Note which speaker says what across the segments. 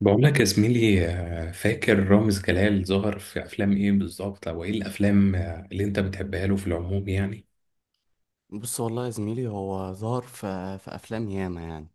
Speaker 1: بقول لك يا زميلي، فاكر رامز جلال ظهر في افلام ايه بالظبط، او ايه الافلام اللي انت بتحبها له في العموم يعني؟
Speaker 2: بص والله يا زميلي، هو ظهر في أفلام ياما يعني.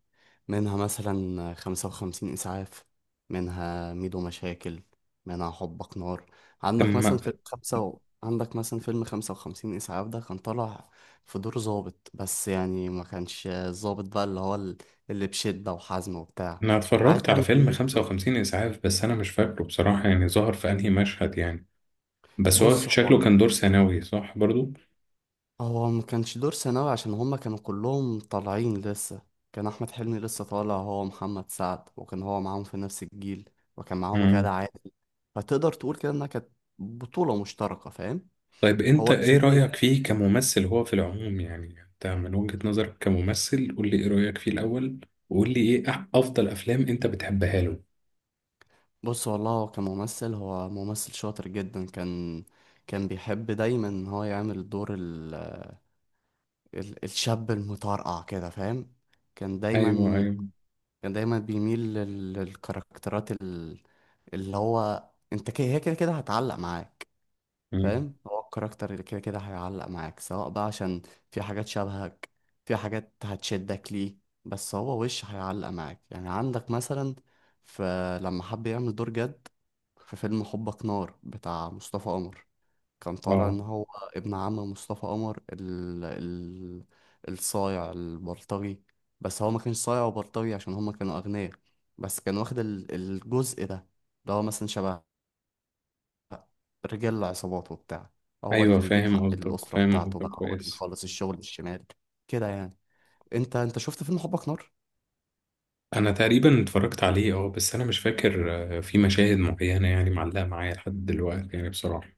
Speaker 2: منها مثلا 55 إسعاف، منها ميدو مشاكل، منها حبك نار.
Speaker 1: اما
Speaker 2: عندك مثلا فيلم 55 إسعاف. ده كان طالع في دور ضابط، بس يعني ما كانش الضابط بقى اللي بشدة وحزم وبتاع،
Speaker 1: انا
Speaker 2: عايز
Speaker 1: اتفرجت على
Speaker 2: يعمل
Speaker 1: فيلم
Speaker 2: لنفسه.
Speaker 1: 55 اسعاف، بس انا مش فاكره بصراحة، يعني ظهر في انهي مشهد يعني؟ بس هو
Speaker 2: بص، هو
Speaker 1: شكله كان دور ثانوي، صح برضو؟
Speaker 2: هو ما كانش دور ثانوي عشان هما كانوا كلهم طالعين لسه. كان احمد حلمي لسه طالع، هو محمد سعد، وكان هو معاهم في نفس الجيل، وكان معاهم
Speaker 1: مم.
Speaker 2: غادة عادل. فتقدر تقول كده انها كانت بطولة مشتركة، فاهم.
Speaker 1: طيب انت
Speaker 2: هو
Speaker 1: ايه
Speaker 2: اسمه إيه؟
Speaker 1: رأيك فيه كممثل هو في العموم يعني، انت من وجهة نظرك كممثل، قول لي ايه رأيك فيه الاول، وقول لي ايه افضل افلام انت بتحبها له؟
Speaker 2: بص والله هو كممثل، هو ممثل شاطر جدا. كان بيحب دايما ان هو يعمل دور الشاب المطرقع كده، فاهم. كان
Speaker 1: ايوه،
Speaker 2: دايما
Speaker 1: ايوه.
Speaker 2: كان دايما بيميل للكاركترات اللي هو، انت كده هي كده كده هتعلق معاك.
Speaker 1: مم.
Speaker 2: فاهم، هو الكاركتر اللي كده كده هيعلق معاك، سواء بقى عشان في حاجات شبهك، في حاجات هتشدك ليه، بس هو وش هيعلق معاك يعني. عندك مثلا، فلما حب يعمل دور جد في فيلم حبك نار بتاع مصطفى قمر، كان طالع
Speaker 1: اه.
Speaker 2: ان هو ابن عم مصطفى قمر، الصايع البلطجي. بس هو ما كانش صايع وبلطجي عشان هما كانوا اغنياء، بس كان واخد الجزء ده، اللي هو مثلا شبه رجال العصابات وبتاع. هو
Speaker 1: ايوه،
Speaker 2: اللي بيجيب
Speaker 1: فاهم
Speaker 2: حق
Speaker 1: قصدك،
Speaker 2: الأسرة
Speaker 1: فاهم
Speaker 2: بتاعته،
Speaker 1: قصدك
Speaker 2: بقى هو اللي
Speaker 1: كويس.
Speaker 2: بيخلص الشغل الشمال كده يعني. انت شفت فيلم حبك نار؟
Speaker 1: انا تقريبا اتفرجت عليه، اه، بس انا مش فاكر. في مشاهد معينه يعني معلقه معايا لحد دلوقتي يعني بصراحه.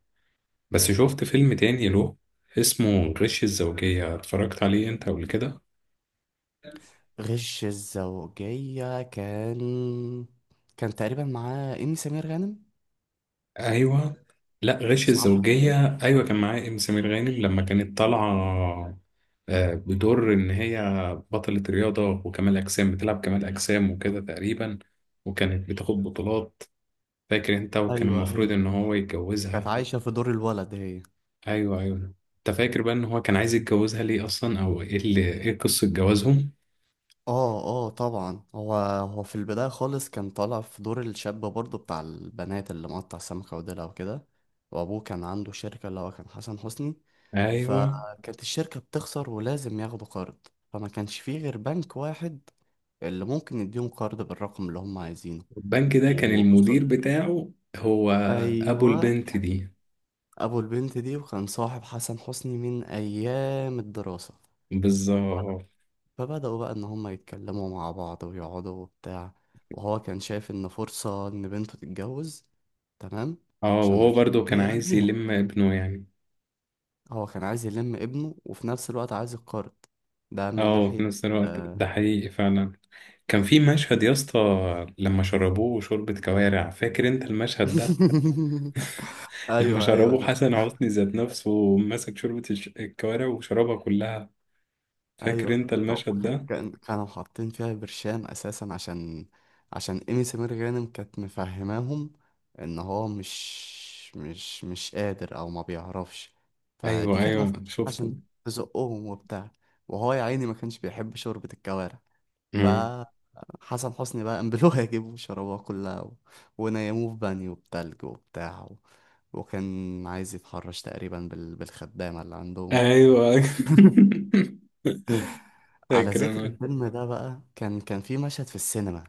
Speaker 1: بس شفت فيلم تاني له اسمه غش الزوجيه، اتفرجت عليه انت قبل كده؟
Speaker 2: غش الزوجية كان، كان تقريبا معاه إيمي سمير غانم،
Speaker 1: ايوه. لا، غش
Speaker 2: صح كده.
Speaker 1: الزوجيه، ايوه كان معاه ام سمير غانم لما كانت طالعه. بدور ان هي بطله رياضه وكمال اجسام، بتلعب كمال اجسام وكده تقريبا. وكانت بتاخد بطولات. فاكر انت؟ وكان
Speaker 2: ايوه،
Speaker 1: المفروض ان
Speaker 2: ايوه،
Speaker 1: هو
Speaker 2: كانت
Speaker 1: يتجوزها.
Speaker 2: عايشة في دور الولد هي.
Speaker 1: ايوه ايوه، انت فاكر بقى ان هو كان عايز يتجوزها ليه اصلا، او ايه قصة جوازهم؟
Speaker 2: اه طبعا، هو في البداية خالص كان طالع في دور الشاب برضه بتاع البنات، اللي مقطع سمكة وديلها وكده. وابوه كان عنده شركة، اللي هو كان حسن حسني.
Speaker 1: ايوه.
Speaker 2: فكانت الشركة بتخسر ولازم ياخدوا قرض، فما كانش فيه غير بنك واحد اللي ممكن يديهم قرض بالرقم اللي هم عايزينه
Speaker 1: البنك ده كان
Speaker 2: و...
Speaker 1: المدير بتاعه هو ابو
Speaker 2: ايوه
Speaker 1: البنت
Speaker 2: كان،
Speaker 1: دي.
Speaker 2: ابو البنت دي، وكان صاحب حسن حسني من ايام الدراسة.
Speaker 1: بالظبط.
Speaker 2: فبدأوا بقى إن هما يتكلموا مع بعض ويقعدوا وبتاع، وهو كان شايف إن فرصة إن بنته تتجوز، تمام،
Speaker 1: اه،
Speaker 2: عشان
Speaker 1: وهو
Speaker 2: مفيش حد
Speaker 1: برضو كان
Speaker 2: هيقبل
Speaker 1: عايز
Speaker 2: بيها.
Speaker 1: يلم ابنه يعني.
Speaker 2: هو كان عايز يلم ابنه وفي نفس الوقت عايز يتقرض، ده من
Speaker 1: اه، في
Speaker 2: ناحية.
Speaker 1: نفس الوقت
Speaker 2: آه...
Speaker 1: ده حقيقي فعلا. كان في مشهد يا اسطى لما شربوه شوربة كوارع، فاكر انت المشهد ده؟ لما
Speaker 2: أيوه أيوه
Speaker 1: شربوه
Speaker 2: أنا.
Speaker 1: حسن حسني ذات نفسه، ومسك شوربة الكوارع وشربها كلها. فاكر
Speaker 2: ايوه،
Speaker 1: انت
Speaker 2: هو
Speaker 1: المشهد ده؟
Speaker 2: كان، كانوا حاطين فيها برشام اساسا عشان، عشان ايمي سمير غانم كانت مفهماهم ان هو مش قادر او ما بيعرفش. فدي
Speaker 1: ايوه،
Speaker 2: كانت
Speaker 1: ايوه
Speaker 2: المفروض
Speaker 1: شفته.
Speaker 2: عشان تزقهم وبتاع، وهو يا عيني ما كانش بيحب شوربة الكوارع.
Speaker 1: مم.
Speaker 2: فحسن حسني بقى قام يجيبوا شربوها كلها و... ونيموه في بانيو بتلج وبتاع و... وكان عايز يتحرش تقريبا بالخدامة اللي عندهم.
Speaker 1: ايوه.
Speaker 2: على
Speaker 1: فاكر
Speaker 2: ذكر
Speaker 1: انا.
Speaker 2: الفيلم ده بقى، كان في مشهد في السينما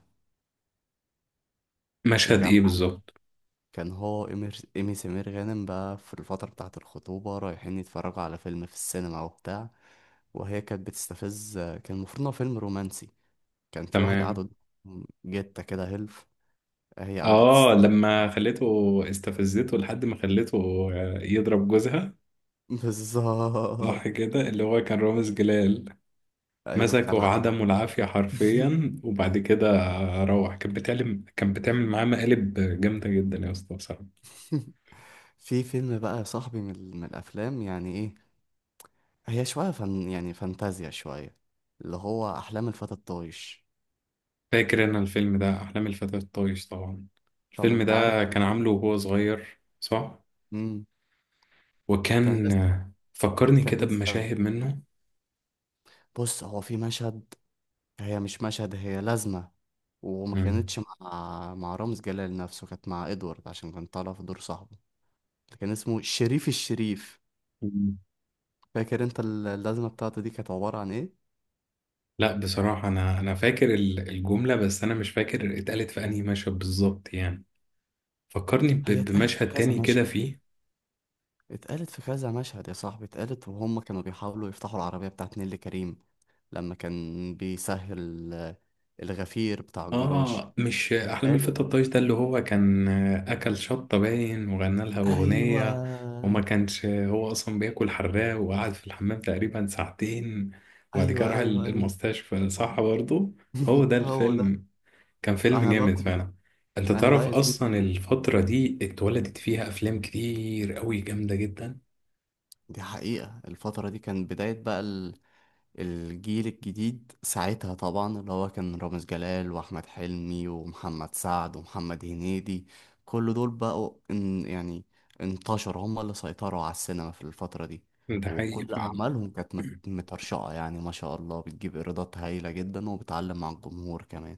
Speaker 1: مشهد
Speaker 2: مجمع.
Speaker 1: ايه بالظبط؟
Speaker 2: كان هو إيمي سمير غانم بقى، في الفترة بتاعة الخطوبة رايحين يتفرجوا على فيلم في السينما وبتاع، وهي كانت بتستفز. كان المفروض إن هو فيلم رومانسي، كان في واحد قاعد
Speaker 1: تمام.
Speaker 2: قدام، جتة كده هيلف، هي قعدت
Speaker 1: اه،
Speaker 2: تست...
Speaker 1: لما خليته استفزته لحد ما خليته يضرب جوزها.
Speaker 2: بالظبط.
Speaker 1: صح كده؟ اللي هو كان رامز جلال.
Speaker 2: أيوة
Speaker 1: مسكه
Speaker 2: كالعادة.
Speaker 1: عدمه العافية حرفيا، وبعد كده. روح كانت بتعمل معاه مقالب. جامدة جدا يا اسطى بصراحة.
Speaker 2: في فيلم بقى يا صاحبي، من الأفلام، يعني إيه، هي شوية فن يعني، فانتازيا شوية، اللي هو أحلام الفتى الطايش.
Speaker 1: فاكر انا الفيلم ده، احلام الفتى الطايش طبعا.
Speaker 2: طب
Speaker 1: الفيلم
Speaker 2: انت عارف
Speaker 1: ده كان
Speaker 2: انا.
Speaker 1: عامله وهو صغير، صح؟
Speaker 2: مم. كان
Speaker 1: وكان
Speaker 2: لسه
Speaker 1: فكرني
Speaker 2: كان
Speaker 1: كده
Speaker 2: لسه
Speaker 1: بمشاهد منه.
Speaker 2: بص هو في مشهد، هي مش مشهد، هي لازمة، وما
Speaker 1: مم.
Speaker 2: كانتش مع رامز جلال نفسه، كانت مع ادوارد عشان كان طالع في دور صاحبه اللي كان اسمه شريف الشريف.
Speaker 1: مم.
Speaker 2: فاكر انت اللازمة بتاعته دي كانت عبارة عن ايه؟
Speaker 1: لا بصراحة، انا فاكر الجملة، بس انا مش فاكر اتقالت في انهي مشهد بالظبط يعني. فكرني
Speaker 2: هي اتقالت في
Speaker 1: بمشهد
Speaker 2: كذا
Speaker 1: تاني كده
Speaker 2: مشهد،
Speaker 1: فيه.
Speaker 2: اتقالت في كذا مشهد يا صاحبي، اتقالت وهم كانوا بيحاولوا يفتحوا العربية بتاعت نيللي كريم، لما كان بيسهل الغفير بتاع الجراج.
Speaker 1: اه، مش احلام
Speaker 2: اتقالت.
Speaker 1: الفتى الطايش ده اللي هو كان اكل شطه باين وغنى لها
Speaker 2: ايوه
Speaker 1: اغنيه؟ وما كانش هو اصلا بياكل حراق، وقعد في الحمام تقريبا ساعتين. وبعد كده
Speaker 2: ايوه
Speaker 1: راح
Speaker 2: ايوه ايوه.
Speaker 1: المستشفى، صح برضه؟ هو ده
Speaker 2: هو ده.
Speaker 1: الفيلم. كان فيلم
Speaker 2: انا بقى
Speaker 1: جامد
Speaker 2: كنت
Speaker 1: فعلا. انت
Speaker 2: انا
Speaker 1: تعرف
Speaker 2: بقى يا
Speaker 1: اصلا
Speaker 2: زميلي،
Speaker 1: الفتره دي اتولدت فيها افلام كتير قوي جامده جدا.
Speaker 2: دي حقيقة الفترة دي كان بداية بقى الجيل الجديد ساعتها، طبعا اللي هو كان رامز جلال واحمد حلمي ومحمد سعد ومحمد هنيدي. كل دول بقوا يعني انتشروا، هم اللي سيطروا على السينما في الفترة دي.
Speaker 1: ده حقيقي
Speaker 2: وكل
Speaker 1: فعلا.
Speaker 2: أعمالهم كانت مترشقة يعني، ما شاء الله، بتجيب إيرادات هايلة جدا، وبتعلم مع الجمهور كمان.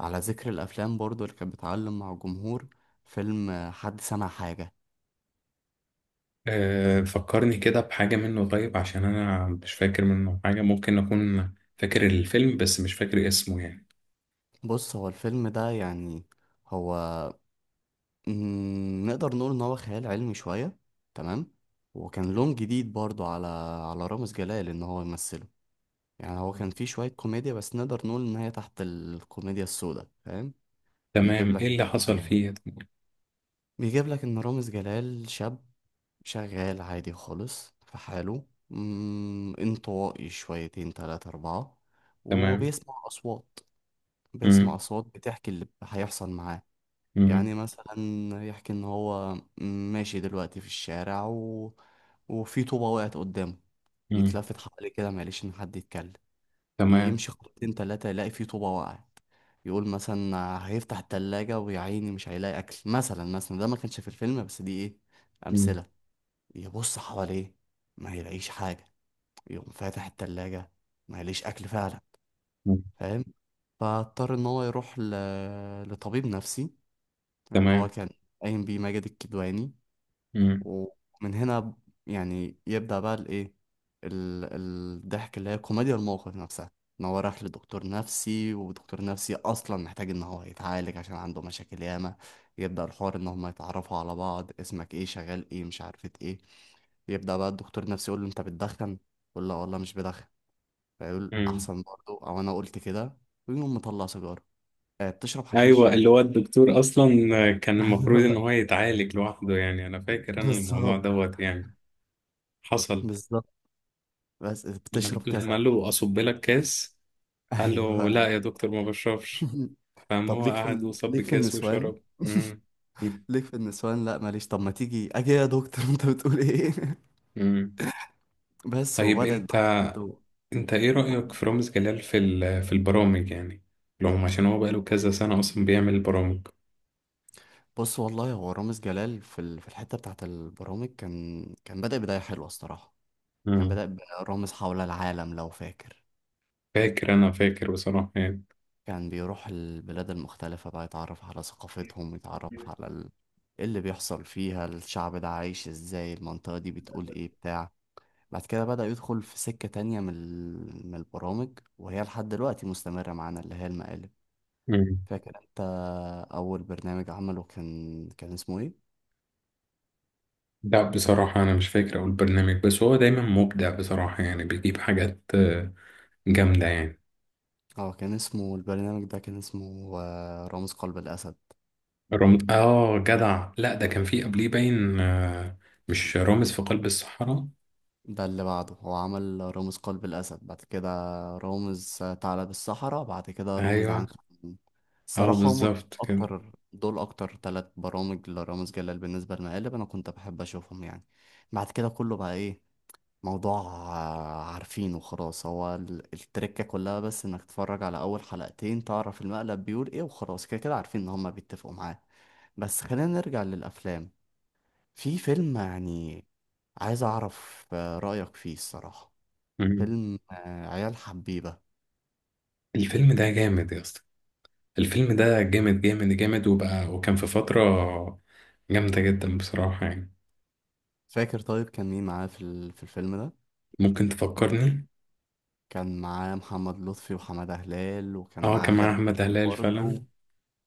Speaker 2: على ذكر الافلام برضو اللي كانت بتعلم مع الجمهور، فيلم حد سمع حاجة.
Speaker 1: أه، فكرني كده بحاجة منه طيب، عشان أنا مش فاكر منه حاجة، ممكن أكون فاكر الفيلم بس مش فاكر اسمه يعني.
Speaker 2: بص هو الفيلم ده يعني، هو مم، نقدر نقول ان هو خيال علمي شوية، تمام. وكان لون جديد برضو على، على رامز جلال ان هو يمثله. يعني هو كان فيه شوية كوميديا، بس نقدر نقول ان هي تحت الكوميديا السوداء، فاهم. بيجيب
Speaker 1: تمام، إيه
Speaker 2: لك،
Speaker 1: اللي حصل
Speaker 2: آه،
Speaker 1: فيه؟
Speaker 2: بيجيب لك ان رامز جلال شاب، شغال عادي خالص في حاله، مم، انطوائي شويتين تلاتة أربعة،
Speaker 1: تمام.
Speaker 2: وبيسمع أصوات. بيسمع
Speaker 1: مم.
Speaker 2: أصوات بتحكي اللي هيحصل معاه.
Speaker 1: مم.
Speaker 2: يعني مثلا، يحكي إن هو ماشي دلوقتي في الشارع و... وفي طوبة وقعت قدامه،
Speaker 1: مم.
Speaker 2: يتلفت حواليه كده معلش إن حد يتكلم،
Speaker 1: تمام.
Speaker 2: يمشي خطوتين تلاتة يلاقي في طوبة وقعت. يقول مثلا هيفتح التلاجة ويا عيني مش هيلاقي أكل. مثلا مثلا ده ما كانش في الفيلم، بس دي إيه،
Speaker 1: مم.
Speaker 2: أمثلة. يبص حواليه ما يلاقيش حاجة، يقوم فاتح التلاجة، ما يلاقيش أكل فعلا،
Speaker 1: مم.
Speaker 2: فاهم. فاضطر إن هو يروح لطبيب نفسي، اللي هو
Speaker 1: تمام.
Speaker 2: كان قايم بيه ماجد الكدواني.
Speaker 1: مم.
Speaker 2: ومن هنا يعني يبدأ بقى الايه، ال- الضحك، اللي هي كوميديا الموقف نفسها، ان هو راح لدكتور نفسي ودكتور نفسي اصلا محتاج ان هو يتعالج عشان عنده مشاكل ياما. يبدأ الحوار ان هم يتعرفوا على بعض، اسمك ايه، شغال ايه، مش عارفة ايه. يبدأ بقى الدكتور نفسي يقول له انت بتدخن، يقول له "آه والله مش بدخن". فيقول
Speaker 1: مم.
Speaker 2: احسن برضه، او انا قلت كده، ويقوم مطلع سيجارة. بتشرب
Speaker 1: أيوة،
Speaker 2: حشيش؟
Speaker 1: اللي هو الدكتور أصلا كان المفروض إن
Speaker 2: ايوه
Speaker 1: هو يتعالج لوحده يعني، أنا فاكر أنا الموضوع
Speaker 2: بالظبط،
Speaker 1: دوت يعني. حصل.
Speaker 2: بالظبط بس بتشرب
Speaker 1: لما
Speaker 2: كذا.
Speaker 1: قال له أصب لك كاس، قال له لا
Speaker 2: ايوه.
Speaker 1: يا دكتور ما بشربش. فاهم،
Speaker 2: طب
Speaker 1: هو
Speaker 2: ليك في
Speaker 1: قعد وصب
Speaker 2: ليك في
Speaker 1: كاس
Speaker 2: النسوان.
Speaker 1: وشرب. مم. مم.
Speaker 2: ليك في النسوان، لا ماليش. طب ما تيجي اجي يا دكتور، انت بتقول ايه.
Speaker 1: مم.
Speaker 2: بس
Speaker 1: طيب،
Speaker 2: وبدأت
Speaker 1: انت
Speaker 2: بقى رحلته.
Speaker 1: انت ايه رأيك في رامز جلال في في البرامج يعني؟ لهم عشان هو بقاله كذا سنة اصلا بيعمل البرامج.
Speaker 2: بص والله هو رامز جلال في في الحتة بتاعت البرامج كان، كان بدأ بداية حلوة الصراحة. كان
Speaker 1: مم.
Speaker 2: بدأ برامز حول العالم لو فاكر.
Speaker 1: فاكر، انا فاكر بصراحة يعني.
Speaker 2: كان بيروح البلاد المختلفة بقى، يتعرف على ثقافتهم، يتعرف على إيه اللي بيحصل فيها، الشعب ده عايش ازاي، المنطقة دي بتقول ايه بتاع بعد كده بدأ يدخل في سكة تانية من من البرامج، وهي لحد دلوقتي مستمرة معانا، اللي هي المقالب.
Speaker 1: مم.
Speaker 2: فاكر انت أول برنامج عمله، كان اسمه ايه؟
Speaker 1: لا بصراحة أنا مش فاكر أو البرنامج، بس هو دايما مبدع بصراحة، يعني بيجيب حاجات جامدة يعني.
Speaker 2: اه كان اسمه البرنامج ده، كان اسمه رامز قلب الأسد.
Speaker 1: آه جدع، لا ده كان في قبليه باين، مش رامز في قلب الصحراء؟
Speaker 2: ده اللي بعده، هو عمل رامز قلب الأسد، بعد كده رامز ثعلب الصحراء، بعد كده رامز
Speaker 1: أيوه.
Speaker 2: عنخ الأمين.
Speaker 1: أه،
Speaker 2: الصراحة هم
Speaker 1: بالظبط كده.
Speaker 2: أكتر دول، أكتر 3 برامج لرامز جلال، بالنسبة للمقالب أنا كنت بحب أشوفهم يعني. بعد كده كله بقى ايه، موضوع عارفينه خلاص، هو التركة كلها، بس انك تتفرج على اول حلقتين تعرف المقلب بيقول ايه، وخلاص كده كده عارفين ان هما بيتفقوا معاه. بس خلينا نرجع للافلام، في فيلم يعني عايز اعرف رأيك فيه الصراحة، فيلم عيال حبيبة.
Speaker 1: الفيلم ده جامد يا اسطى. الفيلم ده جامد جامد جامد، وبقى وكان في فترة جامدة جدا بصراحة يعني.
Speaker 2: فاكر، طيب كان مين معاه في في الفيلم ده؟
Speaker 1: ممكن تفكرني؟
Speaker 2: كان معاه محمد لطفي وحمادة هلال، وكان
Speaker 1: اه،
Speaker 2: معاه
Speaker 1: كان مع
Speaker 2: غادة عادل
Speaker 1: أحمد هلال
Speaker 2: برضه.
Speaker 1: فعلا.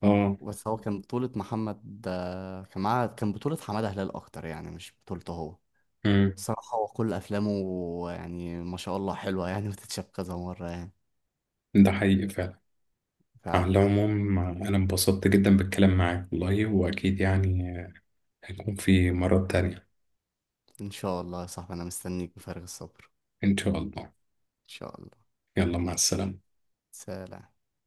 Speaker 1: اه.
Speaker 2: بس هو كان بطولة محمد، كان معاه، كان بطولة حمادة هلال اكتر يعني، مش بطولته هو.
Speaker 1: امم.
Speaker 2: صراحة هو كل أفلامه يعني، ما شاء الله، حلوة يعني وتتشاف كذا مرة يعني.
Speaker 1: ده حقيقي فعلا. على
Speaker 2: فعلا.
Speaker 1: العموم أنا انبسطت جدا بالكلام معاك والله، وأكيد يعني هيكون في مرات تانية.
Speaker 2: إن شاء الله يا صاحبي، أنا مستنيك بفارغ الصبر.
Speaker 1: إن شاء الله.
Speaker 2: إن شاء الله.
Speaker 1: يلا، مع السلامة.
Speaker 2: سلام.